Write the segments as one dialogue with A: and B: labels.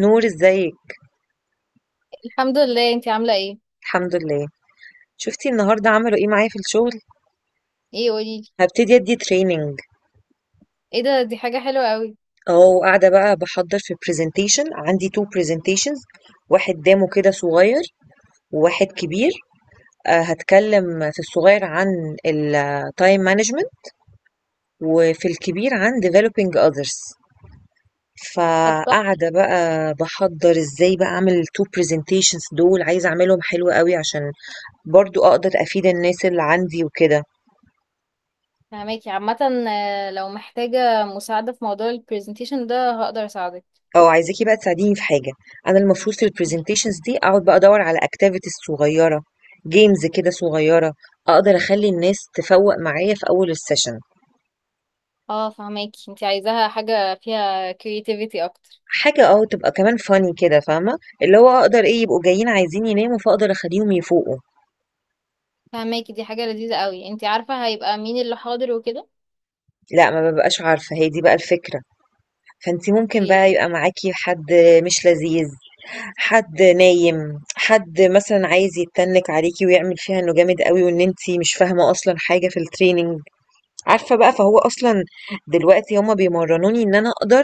A: نور ازيك.
B: الحمد لله. انتي عاملة ايه؟
A: الحمد لله. شفتي النهارده عملوا ايه معايا في الشغل؟
B: ايه قوليلي.
A: هبتدي ادي تريننج.
B: ايه ده، دي حاجة حلوة قوي.
A: اهو قاعده بقى بحضر في برزنتيشن، عندي تو برزنتيشنز، واحد دامه كده صغير وواحد كبير. هتكلم في الصغير عن التايم مانجمنت، وفي الكبير عن developing others.
B: طب تحفة.
A: فقاعده بقى بحضر ازاي بقى اعمل التو برزنتيشنز دول، عايزه اعملهم حلو قوي عشان برضو اقدر افيد الناس اللي عندي وكده.
B: فهماكي عامة. لو محتاجة مساعدة في موضوع البرزنتيشن ده هقدر اساعدك.
A: عايزاكِ بقى تساعديني في حاجة، أنا المفروض في الpresentations دي أقعد بقى أدوّر على activities صغيّرة، games كده صغيّرة، أقدر أخلّي الناس تفوّق معايا في أول الsession،
B: اه فهماكي، انتي عايزاها حاجة فيها creativity اكتر.
A: حاجة تبقى كمان funny كده، فاهمة، اللي هو أقدر إيه، يبقوا جايين عايزين يناموا فأقدر أخلّيهم يفوقوا.
B: فهماكي، دي حاجة لذيذة قوي. انتي عارفة هيبقى مين اللي حاضر وكده؟
A: لأ ما بابقاش عارفة، هي دي بقى الفكرة، فأنتِ ممكن بقى
B: اوكي.
A: يبقى معاكِ حد مش لذيذ، حد نايم، حد مثلًا عايز يتنِّك عليكِ ويعمل فيها إنه جامد أوي وإن أنتِ مش فاهمة أصلًا حاجة في الtraining. عارفة بقى، فهو أصلا دلوقتي هما بيمرنوني إن أنا أقدر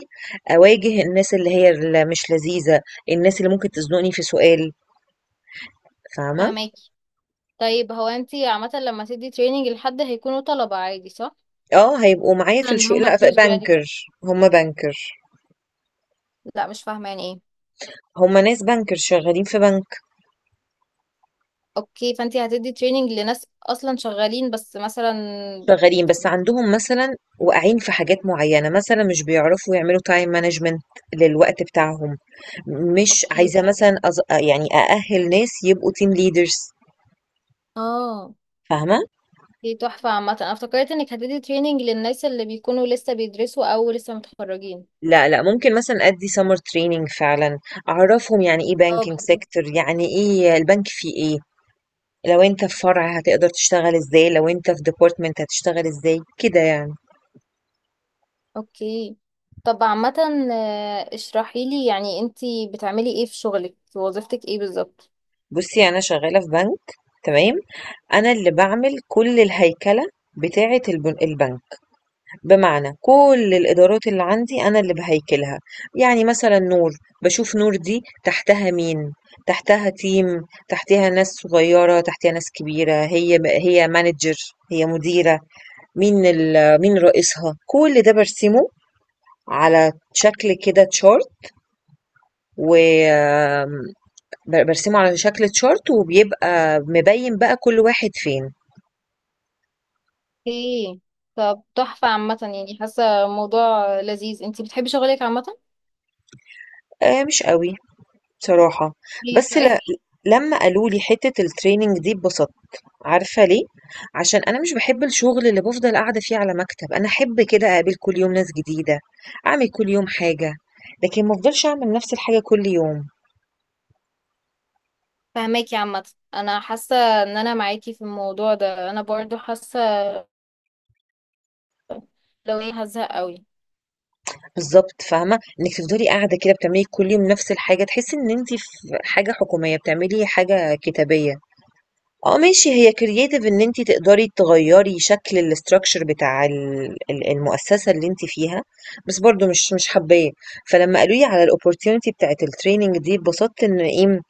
A: أواجه الناس اللي هي اللي مش لذيذة، الناس اللي ممكن تزنقني في سؤال، فاهمة؟
B: فهماكي. طيب هو انتي عامة لما تدي تريننج لحد هيكونوا طلبة عادي صح؟
A: اه هيبقوا معايا
B: مثلا
A: في
B: اللي
A: الشغل،
B: هم
A: لا
B: fresh graduate.
A: بنكر. هما بنكر،
B: لا مش فاهمة يعني ايه.
A: هما ناس بنكر شغالين في بنك.
B: اوكي، فانتي هتدي تريننج لناس اصلا شغالين بس مثلا.
A: شغالين بس عندهم مثلا، واقعين في حاجات معينة، مثلا مش بيعرفوا يعملوا تايم مانجمنت للوقت بتاعهم. مش
B: اوكي
A: عايزة
B: فهمت.
A: مثلا يعني أأهل ناس يبقوا تيم ليدرز،
B: اه.
A: فاهمة؟
B: دي تحفة عامة، انا افتكرت انك هتدي تريننج للناس اللي بيكونوا لسه بيدرسوا او لسه متخرجين.
A: لا لا، ممكن مثلا ادي سمر تريننج فعلا، اعرفهم يعني ايه
B: اه
A: بانكينج
B: بالظبط.
A: سيكتور، يعني ايه البنك، فيه ايه، لو انت في فرع هتقدر تشتغل ازاي، لو انت في ديبارتمنت هتشتغل ازاي كده يعني.
B: اوكي. طب عامة، اشرحي لي يعني انتي بتعملي ايه في شغلك، في وظيفتك ايه بالظبط.
A: بصي انا شغالة في بنك، تمام؟ انا اللي بعمل كل الهيكلة بتاعة البنك، بمعنى كل الإدارات اللي عندي أنا اللي باهيكلها، يعني مثلًا نور، باشوف نور دي تحتها مين، تحتها تيم، تحتها ناس صغيّرة، تحتها ناس كبيرة، هي manager، هي مديرة، مين رئيسها، كل ده بارسمه على شكل كده chart. وآمم ب بارسمه على شكل chart وبيبقى مبيّن بقى كل واحد فين.
B: اوكي. طب تحفة عامة، يعني حاسة موضوع لذيذ. انتي بتحبي شغلك عامة؟
A: مش أوي بصراحة.
B: ليه
A: بس ل
B: طيب؟
A: لمّا قالوا لي حتّة الtraining دي اتبسطت. عارفة ليه؟ عشان أنا مش باحب الشغل اللي بافضل قاعدة فيه على مكتب، أنا أحب كده أقابل كل يوم ناس جديدة، أعمل كل يوم حاجة، لكن ما افضلش أعمل نفس الحاجة كل يوم.
B: فهماكي عامة. انا حاسة ان انا معاكي في الموضوع ده. انا برضو حاسة لو ايه هزهق قوي.
A: بالضبط، فاهمة؟ إنِّك تفضلي قاعدة كده بتعملي كل يوم نفس الحاجة، تحسي إن أنتِ في حاجة حكومية، بتعملي حاجة كتابية. آه ماشي، هي creative إن أنتِ تقدري تغيّري شكل الstructure بتاع ال المؤسسة اللي أنتِ فيها، بس برضه مش حابّاه. فلمّا قالوا لي على الopportunity بتاعة الtraining دي اتبسطت إن إيه،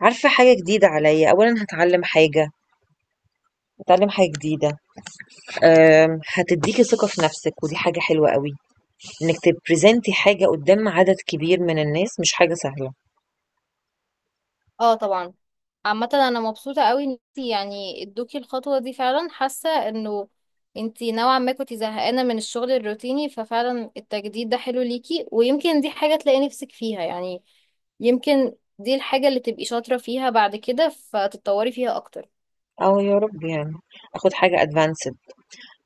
A: عارفة حاجة جديدة عليّا، أولًا هاتعلّم حاجة، هاتعلّم حاجة جديدة، هتدّيكِ ثقة في نَفْسِك ودي حاجة حلوة أوي، إنِّك تبريزنتي حاجة قُدّام عدد كبير من الناس مش حاجة سهلة.
B: اه طبعا. عامة انا مبسوطة قوي ان انتي يعني ادوكي الخطوة دي، فعلا حاسة انه انتي نوعا ما كنتي زهقانة من الشغل الروتيني، ففعلا التجديد ده حلو ليكي، ويمكن دي حاجة تلاقي نفسك فيها يعني. يمكن دي الحاجة اللي تبقي شاطرة فيها بعد كده فتتطوري فيها أكتر.
A: آه يا رب يعني، آخُد حاجة advanced.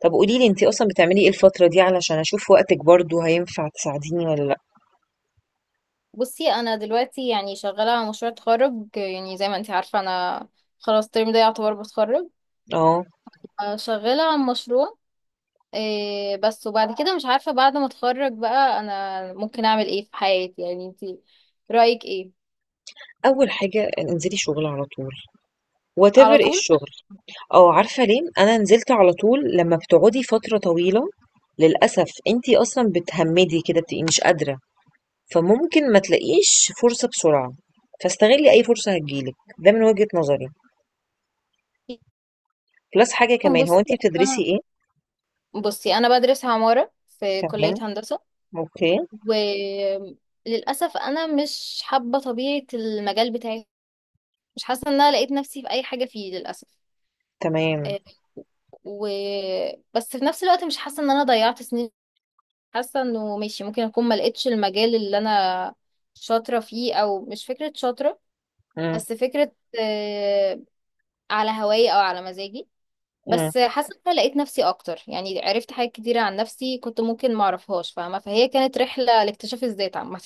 A: طب قولي لي أنتِ أصلًا بتعملي إيه الفترة دي علشان أشوف وقتِك برضه هينفع تساعديني والّا لأ؟
B: بصي، أنا دلوقتي يعني شغالة على مشروع تخرج. يعني زي ما انتي عارفة، أنا خلاص الترم ده يعتبر بتخرج.
A: آه،
B: شغالة على مشروع إيه بس، وبعد كده مش عارفة بعد ما اتخرج بقى انا ممكن اعمل ايه في حياتي. يعني انتي رأيك ايه؟
A: أول حاجة انزلي شغل على طول،
B: على
A: whatever إيه
B: طول.
A: الشغل. آه عارفة ليه؟ أنا نزلت على طول. لمّا بتقعدي فترة طويلة للأسف أنتِ أصلًا بتهمِّدي كده، بتبقي مش قادرة، فممكن ما تلاقيش فرصة بسرعة، فاستغلي أي فرصة هتيجي لِك، ده من وجهة نظري. plus حاجة كمان، هو
B: بصي
A: أنتِ بتدرسي
B: انا
A: إيه؟
B: بصي انا بدرس عمارة في
A: تمام،
B: كلية هندسة.
A: أوكي.
B: وللأسف انا مش حابة طبيعة المجال بتاعي، مش حاسة ان انا لقيت نفسي في اي حاجة فيه للأسف.
A: تمام.
B: إيه و... بس في نفس الوقت مش حاسة ان انا ضيعت سنين. حاسة انه ماشي، ممكن اكون ما لقيتش المجال اللي انا شاطرة فيه، او مش فكرة شاطرة
A: إمم.
B: بس فكرة، آه، على هواي او على مزاجي.
A: إمم.
B: بس حاسة ان انا لقيت نفسي اكتر، يعني عرفت حاجات كتيرة عن نفسي كنت ممكن ما اعرفهاش، فاهمة؟ فهي كانت رحلة لاكتشاف الذات عامة.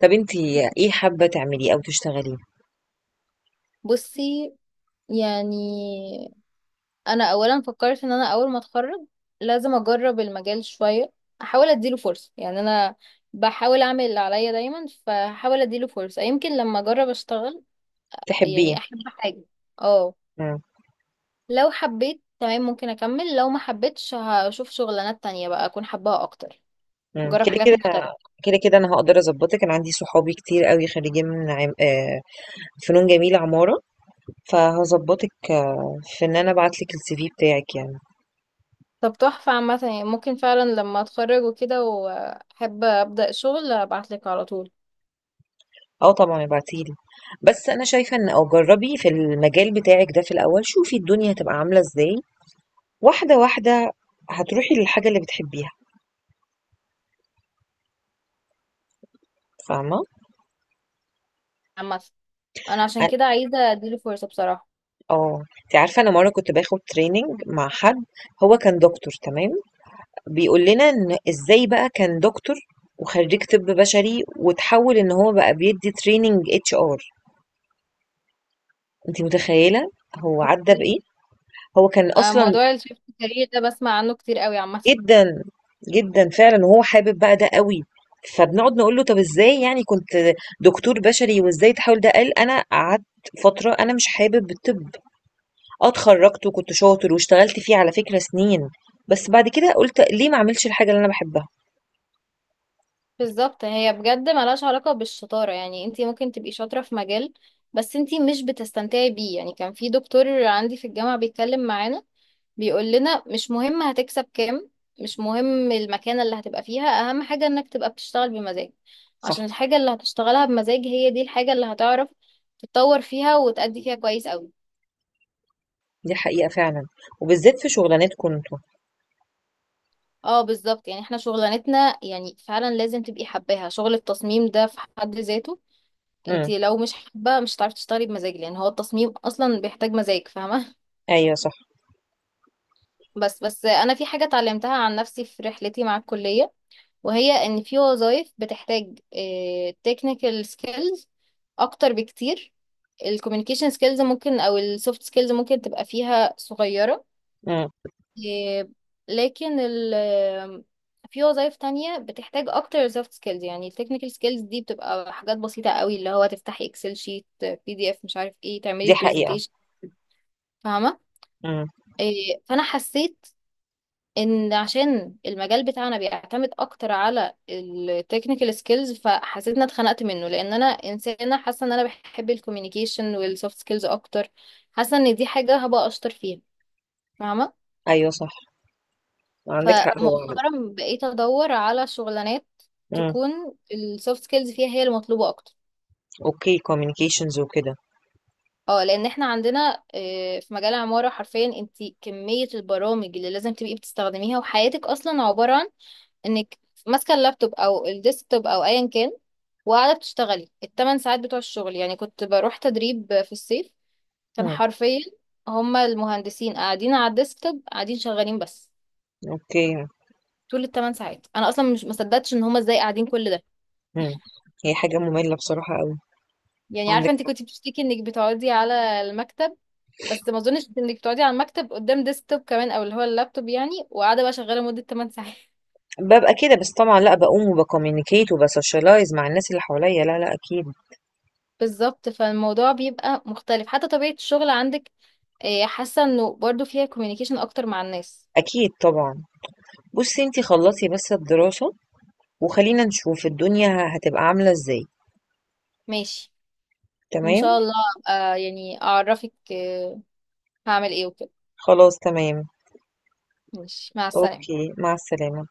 A: طب أنتِ إيه حابة تعمليه أو تشتغليه؟
B: بصي، يعني انا اولا فكرت ان انا اول ما اتخرج لازم اجرب المجال شوية، احاول اديله فرصة. يعني انا بحاول اعمل اللي عليا دايما، فحاول اديله فرصة يمكن لما اجرب اشتغل
A: تحبيه؟
B: يعني احب حاجة. اه
A: إمم.
B: لو حبيت تمام ممكن اكمل، لو ما حبيتش هشوف شغلانات تانية بقى اكون حباها اكتر.
A: إمم.
B: جرب
A: كده،
B: حاجات
A: كده
B: مختلفة.
A: كده، كده أنا هاقدر أضبّطِك، أنا عندي صحابي كتير أوي خريجين من عم فنون جميلة عمارة، فهاضبّطِك في إن أنا أبعت لِك الCV بتاعِك يعني.
B: طب تحفة عامة، يعني ممكن فعلا لما اتخرج وكده واحب ابدأ شغل ابعتلك على طول.
A: آه طبعًا ابعتي لي، بس أنا شايفة إن أو جرّبي في المجال بتاعِك ده في الأول، شوفي الدنيا هتبقى عاملة إزاي، واحدة واحدة هتروحي للحاجة اللي بتحبيها، فاهمة؟
B: عامة انا عشان
A: أ
B: كده عايزة اديله فرصة بصراحة.
A: آه، أنتِ عارفة أنا مرّة كنت باخد training مع حد، هو كان دكتور، تمام؟ بيقول لنا إن إزاي بقى كان دكتور وخريج طب بشري وتحول إن هو بقى بيدي تريننج اتش ار. أنت متخيلة؟ هو عدى
B: اوكي.
A: بإيه؟ هو كان أصلا
B: موضوع الشيفت كارير ده بسمع عنه كتير قوي عامة.
A: جدا جدا فعلا وهو حابب بقى ده قوي. فبنقعد نقول له طب ازاي يعني، كنت دكتور بشري وازاي تحاول؟ ده قال انا قعدت فترة انا مش حابب الطب، اه اتخرجت وكنت شاطر واشتغلت فيه على فكرة سنين، بس بعد كده قلت ليه ما اعملش الحاجة اللي انا بحبها.
B: بالظبط، هي بجد ملهاش علاقة بالشطارة. يعني انتي ممكن تبقي شاطرة في مجال بس انتي مش بتستمتعي بيه. يعني كان في دكتور عندي في الجامعة بيتكلم معانا، بيقول لنا مش مهم هتكسب كام، مش مهم المكانة اللي هتبقى فيها، أهم حاجة إنك تبقى بتشتغل بمزاج.
A: صح،
B: عشان الحاجة اللي هتشتغلها بمزاج هي دي الحاجة اللي هتعرف تتطور فيها وتأدي فيها كويس أوي.
A: دي حقيقة فعلا، وبالذات في شغلانتكم انتوا.
B: اه بالظبط. يعني احنا شغلانتنا يعني فعلا لازم تبقي حباها، شغل التصميم ده في حد ذاته انت
A: إمم.
B: لو مش حابة مش هتعرفي تشتغلي بمزاج، لأن هو التصميم أصلا بيحتاج مزاج، فاهمة؟
A: أيوه صح.
B: بس بس أنا في حاجة اتعلمتها عن نفسي في رحلتي مع الكلية، وهي ان في وظائف بتحتاج تكنيكال سكيلز اكتر بكتير، الكوميونيكيشن سكيلز ممكن او السوفت سكيلز ممكن تبقى فيها صغيرة.
A: إمم.
B: آه، لكن ال في وظائف تانية بتحتاج اكتر سوفت سكيلز. يعني التكنيكال سكيلز دي بتبقى حاجات بسيطة قوي، اللي هو تفتحي اكسل شيت، بي دي اف، مش عارف ايه، تعملي
A: دي حقيقة.
B: برزنتيشن، فاهمة؟
A: إمم.
B: فانا حسيت ان عشان المجال بتاعنا بيعتمد اكتر على التكنيكال سكيلز، فحسيت ان أنا اتخنقت منه، لان انا انسانه حاسه ان انا بحب الكوميونيكيشن والسوفت سكيلز اكتر. حاسه ان دي حاجه هبقى اشطر فيها، فاهمه؟
A: أيوه صح. عندِك حق. هو
B: فمؤخرا بقيت ادور على شغلانات
A: إمم.
B: تكون السوفت سكيلز فيها هي المطلوبه اكتر.
A: أوكي، communications وكده.
B: اه لان احنا عندنا، في مجال العمارة حرفيا انت كمية البرامج اللي لازم تبقي بتستخدميها، وحياتك اصلا عبارة عن انك ماسكة اللابتوب او الديسكتوب او ايا كان، وقاعدة بتشتغلي الـ8 ساعات بتوع الشغل. يعني كنت بروح تدريب في الصيف، كان
A: إمم.
B: حرفيا هما المهندسين قاعدين على الديسكتوب قاعدين شغالين بس،
A: أوكي.
B: طول الـ8 ساعات. انا اصلا مش مصدقتش ان هما ازاي قاعدين كل ده.
A: إمم. هي حاجة مملة بصراحة أوي.
B: يعني
A: عندِك
B: عارفة انت
A: حق.
B: كنت بتشتكي انك بتقعدي على المكتب، بس ما اظنش انك بتقعدي على المكتب قدام ديسكتوب كمان او اللي هو اللابتوب يعني، وقاعده بقى شغاله مده 8 ساعات.
A: بابقى كده، بس طبعًا لأ، باقوم وبcommunicate وبsocialize مع الناس اللي حواليّا. لا، لأ، أكيد.
B: بالظبط، فالموضوع بيبقى مختلف، حتى طبيعه الشغل عندك، حاسه انه برضو فيها كوميونيكيشن اكتر مع الناس.
A: أكيد طبعًا. بُصّي أنتِ خلّصي بس الدراسة وخلّينا نشوف الدنيا هتبقى عاملة إزاي،
B: ماشي. ان
A: تمام؟
B: شاء الله أبقى يعني اعرفك هعمل ايه وكده.
A: خلاص تمام.
B: ماشي، مع السلامه.
A: أوكي، مع السلامة.